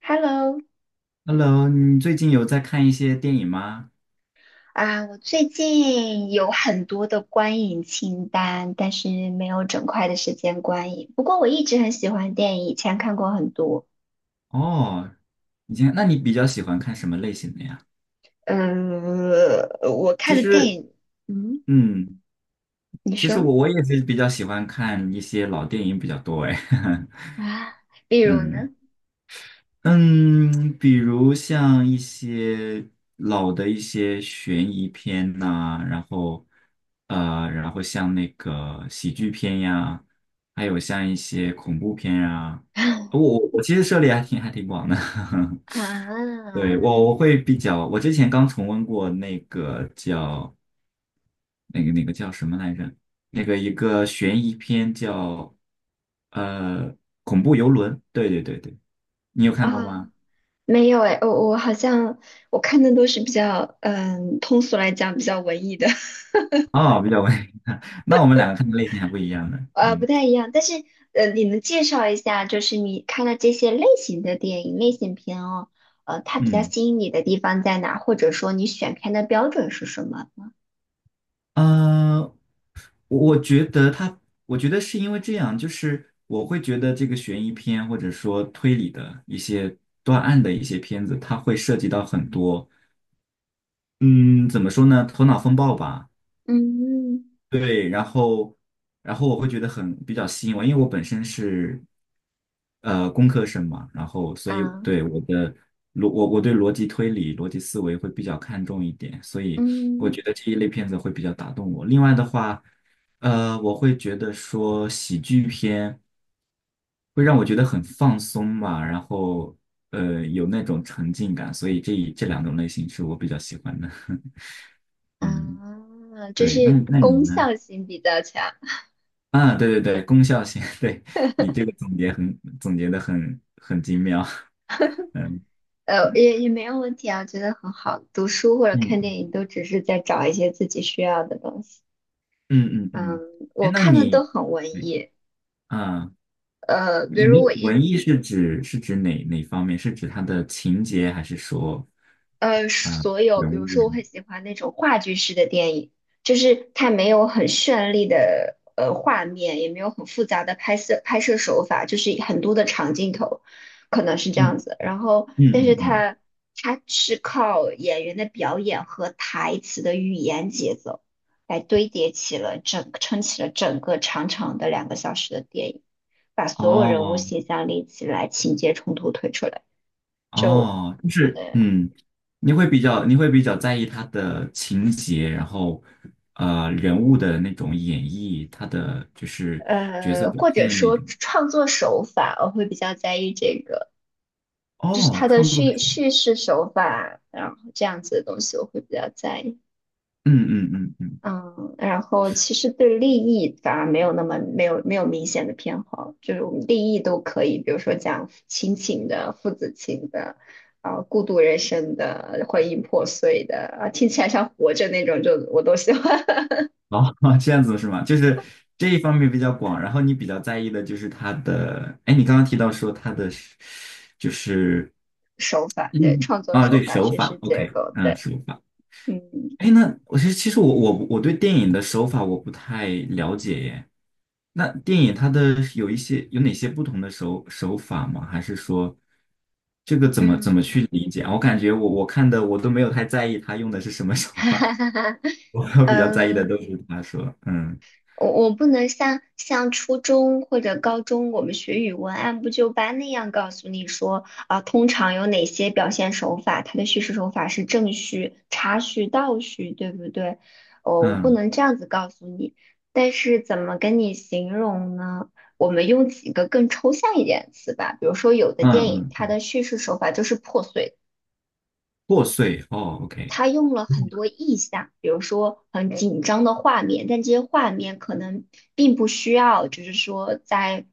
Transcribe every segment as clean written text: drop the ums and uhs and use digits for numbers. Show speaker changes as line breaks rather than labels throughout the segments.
Hello，
Hello，你最近有在看一些电影吗？
我最近有很多的观影清单，但是没有整块的时间观影。不过我一直很喜欢电影，以前看过很多。
哦，以前，那你比较喜欢看什么类型的呀？
嗯，我看
其
的电
实，
影。嗯，
嗯，
你
其实
说
我也是比较喜欢看一些老电影比较多哎，
啊，比 如呢？
嗯嗯，比如像一些老的一些悬疑片呐、然后然后像那个喜剧片呀，还有像一些恐怖片呀，我 我我其实涉猎还挺广的，
啊
对，我会比较，我之前刚重温过那个叫那个叫什么来着？那个一个悬疑片叫呃恐怖游轮，对对对对，你有看过
啊，
吗？
没有哎，我好像我看的都是比较，嗯，通俗来讲比较文艺的。
哦，比较文，那我们两个看的类型还不一样呢。
呃，不
嗯
太一样，但是呃，你能介绍一下，就是你看了这些类型的电影、类型片哦，呃，它比较
嗯
吸引你的地方在哪？或者说你选片的标准是什么？
呃，我觉得他，我觉得是因为这样，就是我会觉得这个悬疑片或者说推理的一些断案的一些片子，它会涉及到很多。嗯，怎么说呢？头脑风暴吧。
嗯
对，然后，然后我会觉得很比较吸引我，因为我本身是工科生嘛，然后所以
啊
对我的我对逻辑推理、逻辑思维会比较看重一点，所以我
嗯
觉得这一类片子会比较打动我。另外的话，呃，我会觉得说喜剧片会让我觉得很放松吧，然后有那种沉浸感，所以这两种类型是我比较喜欢的。嗯，
就
对，那你
是
那你
功
呢？
效性比较强。
啊，对对对，功效性，对，你这个总结很总结的很精妙，嗯
呃，也没有问题啊，觉得很好。读书或者看电
嗯
影都只是在找一些自己需要的东西。
嗯嗯嗯，
嗯，
嗯，哎，
我
那
看的都
你，
很文
嗯
艺。
啊，
呃，比
你的
如我一
文艺是指哪方面？是指它的情节，还是说
呃，
啊
所有，
人
比如
物？
说，我很喜欢那种话剧式的电影，就是它没有很绚丽的画面，也没有很复杂的拍摄手法，就是很多的长镜头，可能是这
嗯
样子。然后，
嗯
但是
嗯嗯，
它它是靠演员的表演和台词的语言节奏来堆叠起了整撑起了整个长长的两个小时的电影，把所有人物
哦
形象立起来，情节冲突推出来。
哦，就是
对。
嗯，你会比较在意它的情节，然后人物的那种演绎，他的就是角色
呃，
表
或者
现那
说
种。
创作手法，我会比较在意这个，就是
哦，
它的
创作
叙
者，
叙事手法，然后这样子的东西我会比较在意。
嗯嗯嗯嗯，
嗯，然后其实对立意反而没有那么没有明显的偏好，就是我们立意都可以，比如说讲亲情的、父子情的、啊、孤独人生的、婚姻破碎的，啊，听起来像活着那种，就我都喜欢。
哦，这样子是吗？就是这一方面比较广，然后你比较在意的就是他的，哎，你刚刚提到说他的是就是
手法，对，创作手
对，
法、
手
叙
法
事结
，OK，
构，
嗯，
对，
手法。
嗯
哎，那我其实我对电影的手法我不太了解耶。那电影它的有一些有哪些不同的手法吗？还是说这个怎么
嗯。
去理解啊我感觉我看的我都没有太在意他用的是什么 手
哈哈
法。
哈哈，
我比较在意的
嗯，
都是他说，
我不能像初中或者高中我们学语文按部就班那样告诉你说啊，通常有哪些表现手法，它的叙事手法是正序、插叙、倒叙，对不对？哦，我不
嗯
能这样子告诉你，但是怎么跟你形容呢？我们用几个更抽象一点的词吧，比如说有的电影
嗯
它
嗯，
的叙事手法就是破碎的。
破碎哦，OK，
他用了很多意象，比如说很紧张的画面，但这些画面可能并不需要，就是说在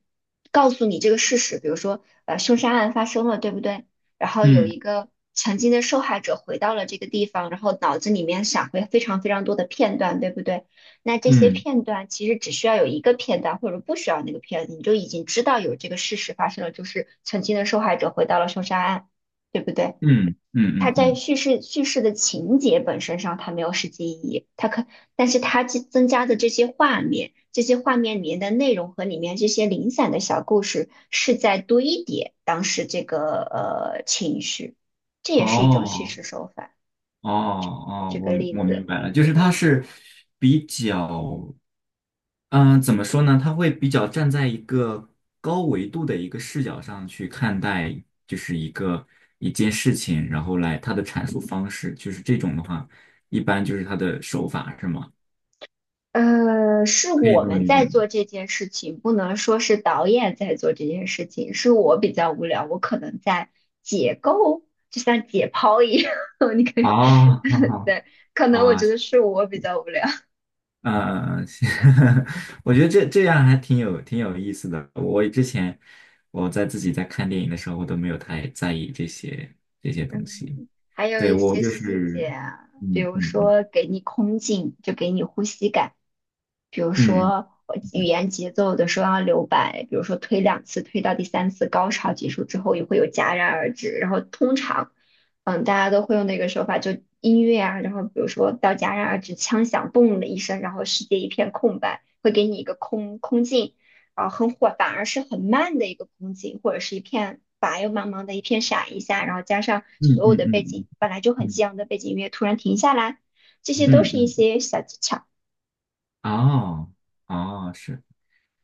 告诉你这个事实，比如说凶杀案发生了，对不对？然后有
嗯
一个曾经的受害者回到了这个地方，然后脑子里面闪回非常非常多的片段，对不对？那这些
嗯
片段其实只需要有一个片段，或者不需要那个片段，你就已经知道有这个事实发生了，就是曾经的受害者回到了凶杀案，对不对？
嗯
它
嗯嗯
在
嗯，
叙事的情节本身上，它没有实际意义，它可，但是它增加的这些画面，这些画面里面的内容和里面这些零散的小故事，是在堆叠当时这个情绪，这也是一种叙
哦
事手法。
哦哦，
举个
我
例
我明
子。
白了，就是他是比较，嗯、怎么说呢？他会比较站在一个高维度的一个视角上去看待，就是一个一件事情，然后来他的阐述方式，就是这种的话，一般就是他的手法是吗？
呃，是
可以
我
这么
们
理解
在
吗？
做这件事情，不能说是导演在做这件事情。是我比较无聊，我可能在解构，就像解剖一样。你可以，
啊，好 好
对，可能我
啊，
觉得是我比较无聊。
嗯，是 我觉得这这样还挺有意思的。我之前我在自己在看电影的时候，我都没有太在意这些东西。
嗯，还有
对，
一
我
些
就
细
是，
节啊，比
嗯
如
嗯嗯
说给你空镜，就给你呼吸感。比如
嗯
说语言节奏的时候要留白，比如说推两次，推到第三次高潮结束之后也会有戛然而止。然后通常，嗯，大家都会用那个手法，就音乐啊，然后比如说到戛然而止，枪响，嘣的一声，然后世界一片空白，会给你一个空镜，啊，很火，反而是很慢的一个风景，或者是一片白又茫茫的一片闪一下，然后加上
嗯
所有
嗯
的背
嗯嗯
景本来就很
嗯
激昂的背景音乐突然停下来，这些都
嗯
是一
嗯，嗯
些小技巧。
哦哦，是。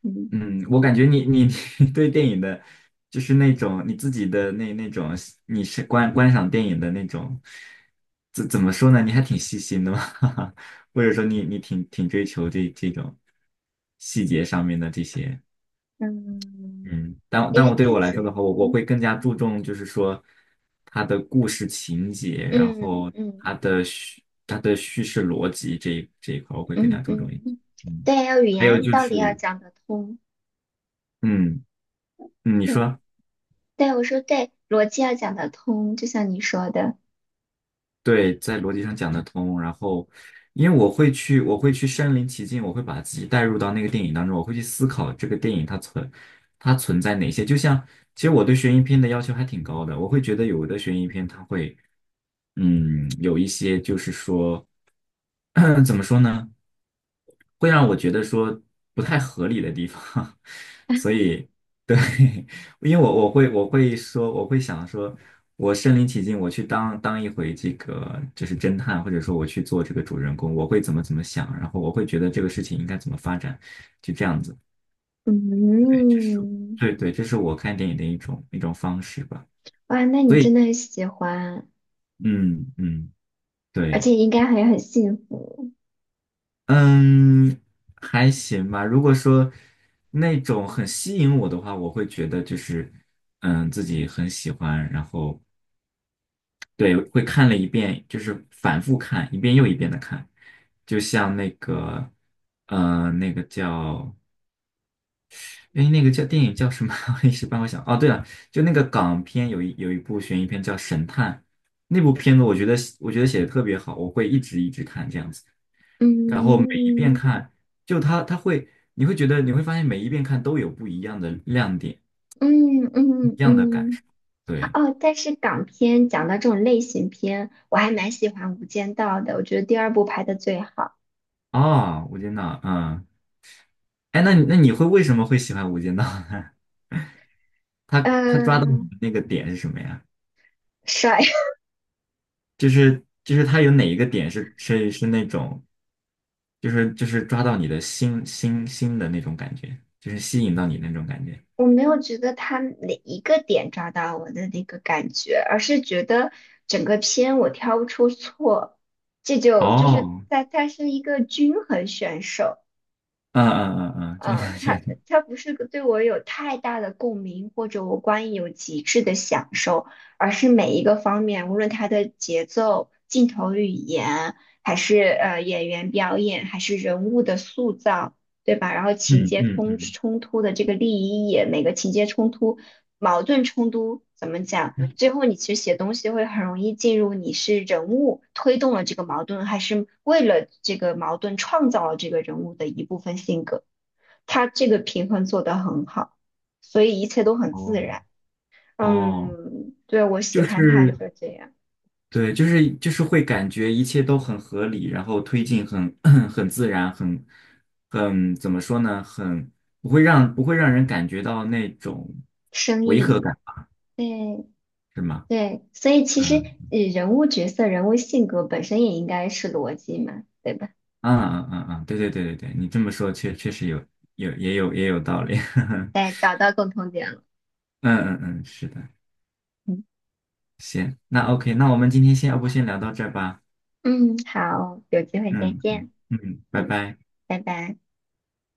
嗯
嗯，我感觉你 你对电影的，就是那种你自己的那种，你是观赏电影的那种，怎么说呢？你还挺细心的嘛，或者说你挺追求这种细节上面的这些，
嗯，
嗯，但
因
但
为
我对
自
我来说的
己
话，我
嗯。
会更加注重就是说它的故事情节，然
嗯
后
嗯
它的叙它的叙事逻辑这一块我会更加
嗯
注重一些，
嗯，
嗯，
对，要语
还有
言
就
道理要
是
讲得通。
嗯你
对
说。
对，我说对，逻辑要讲得通，就像你说的。
对，在逻辑上讲得通。然后，因为我会去，我会去身临其境，我会把自己带入到那个电影当中，我会去思考这个电影它存在哪些。就像，其实我对悬疑片的要求还挺高的，我会觉得有的悬疑片它会，嗯，有一些就是说，怎么说呢？会让我觉得说不太合理的地方，所以对，因为我会说我会想说，我身临其境，我去当一回这个就是侦探，或者说我去做这个主人公，我会怎么想，然后我会觉得这个事情应该怎么发展，就这样子，这是
嗯，
对对，这是我看电影的一种方式吧，
哇，那你
所
真
以
的很喜欢，
嗯嗯
而
对。
且应该还很幸福。
嗯，还行吧。如果说那种很吸引我的话，我会觉得就是，嗯，自己很喜欢，然后对，会看了一遍，就是反复看，一遍又一遍的看。就像那个，呃，那个叫，哎，那个叫电影叫什么？我一时半会想。哦，对了，就那个港片有一部悬疑片叫《神探》，那部片子我觉得写的特别好，我会一直看这样子。然后每一遍
嗯
看，就它会，你会觉得你会发现每一遍看都有不一样的亮点。
嗯嗯嗯，啊
对
哦，但是港片讲到这种类型片，我还蛮喜欢《无间道》的，我觉得第二部拍的最好。
啊，无间道，嗯，哎，那你会为什么会喜欢无间道呢？他抓到你
嗯、
的那个点是什么呀？
帅，
就是他有哪一个点是那种，就是抓到你的心的那种感觉，就是吸引到你那种感觉。
我没有觉得他哪一个点抓到我的那个感觉，而是觉得整个片我挑不出错，这就就是
哦，
在他是一个均衡选手。
嗯，这个
嗯，
感觉
他他不是个对我有太大的共鸣，或者我观影有极致的享受，而是每一个方面，无论它的节奏、镜头语言，还是演员表演，还是人物的塑造，对吧？然后情
嗯
节
嗯
冲
嗯，
冲突的这个立意也每个情节冲突、矛盾冲突怎么讲？最后你其实写东西会很容易进入你是人物推动了这个矛盾，还是为了这个矛盾创造了这个人物的一部分性格。他这个平衡做得很好，所以一切都很
哦
自然。
哦，
嗯，对，我喜
就
欢他
是。
就这样，
对，就是会感觉一切都很合理，然后推进很 很自然，很很怎么说呢？很不会让人感觉到那种
生
违和
硬。
感，
对
是吗？
对，所以其实
嗯
人物角色、人物性格本身也应该是逻辑嘛，对吧？
嗯，对对对对对，你这么说确实有也有也有道理。
对，找到共同点了。
嗯，是的，
嗯
行，那 OK，那我们今天先要不先聊到这儿吧？
嗯，好，有机会再见，
嗯，拜拜。
拜拜。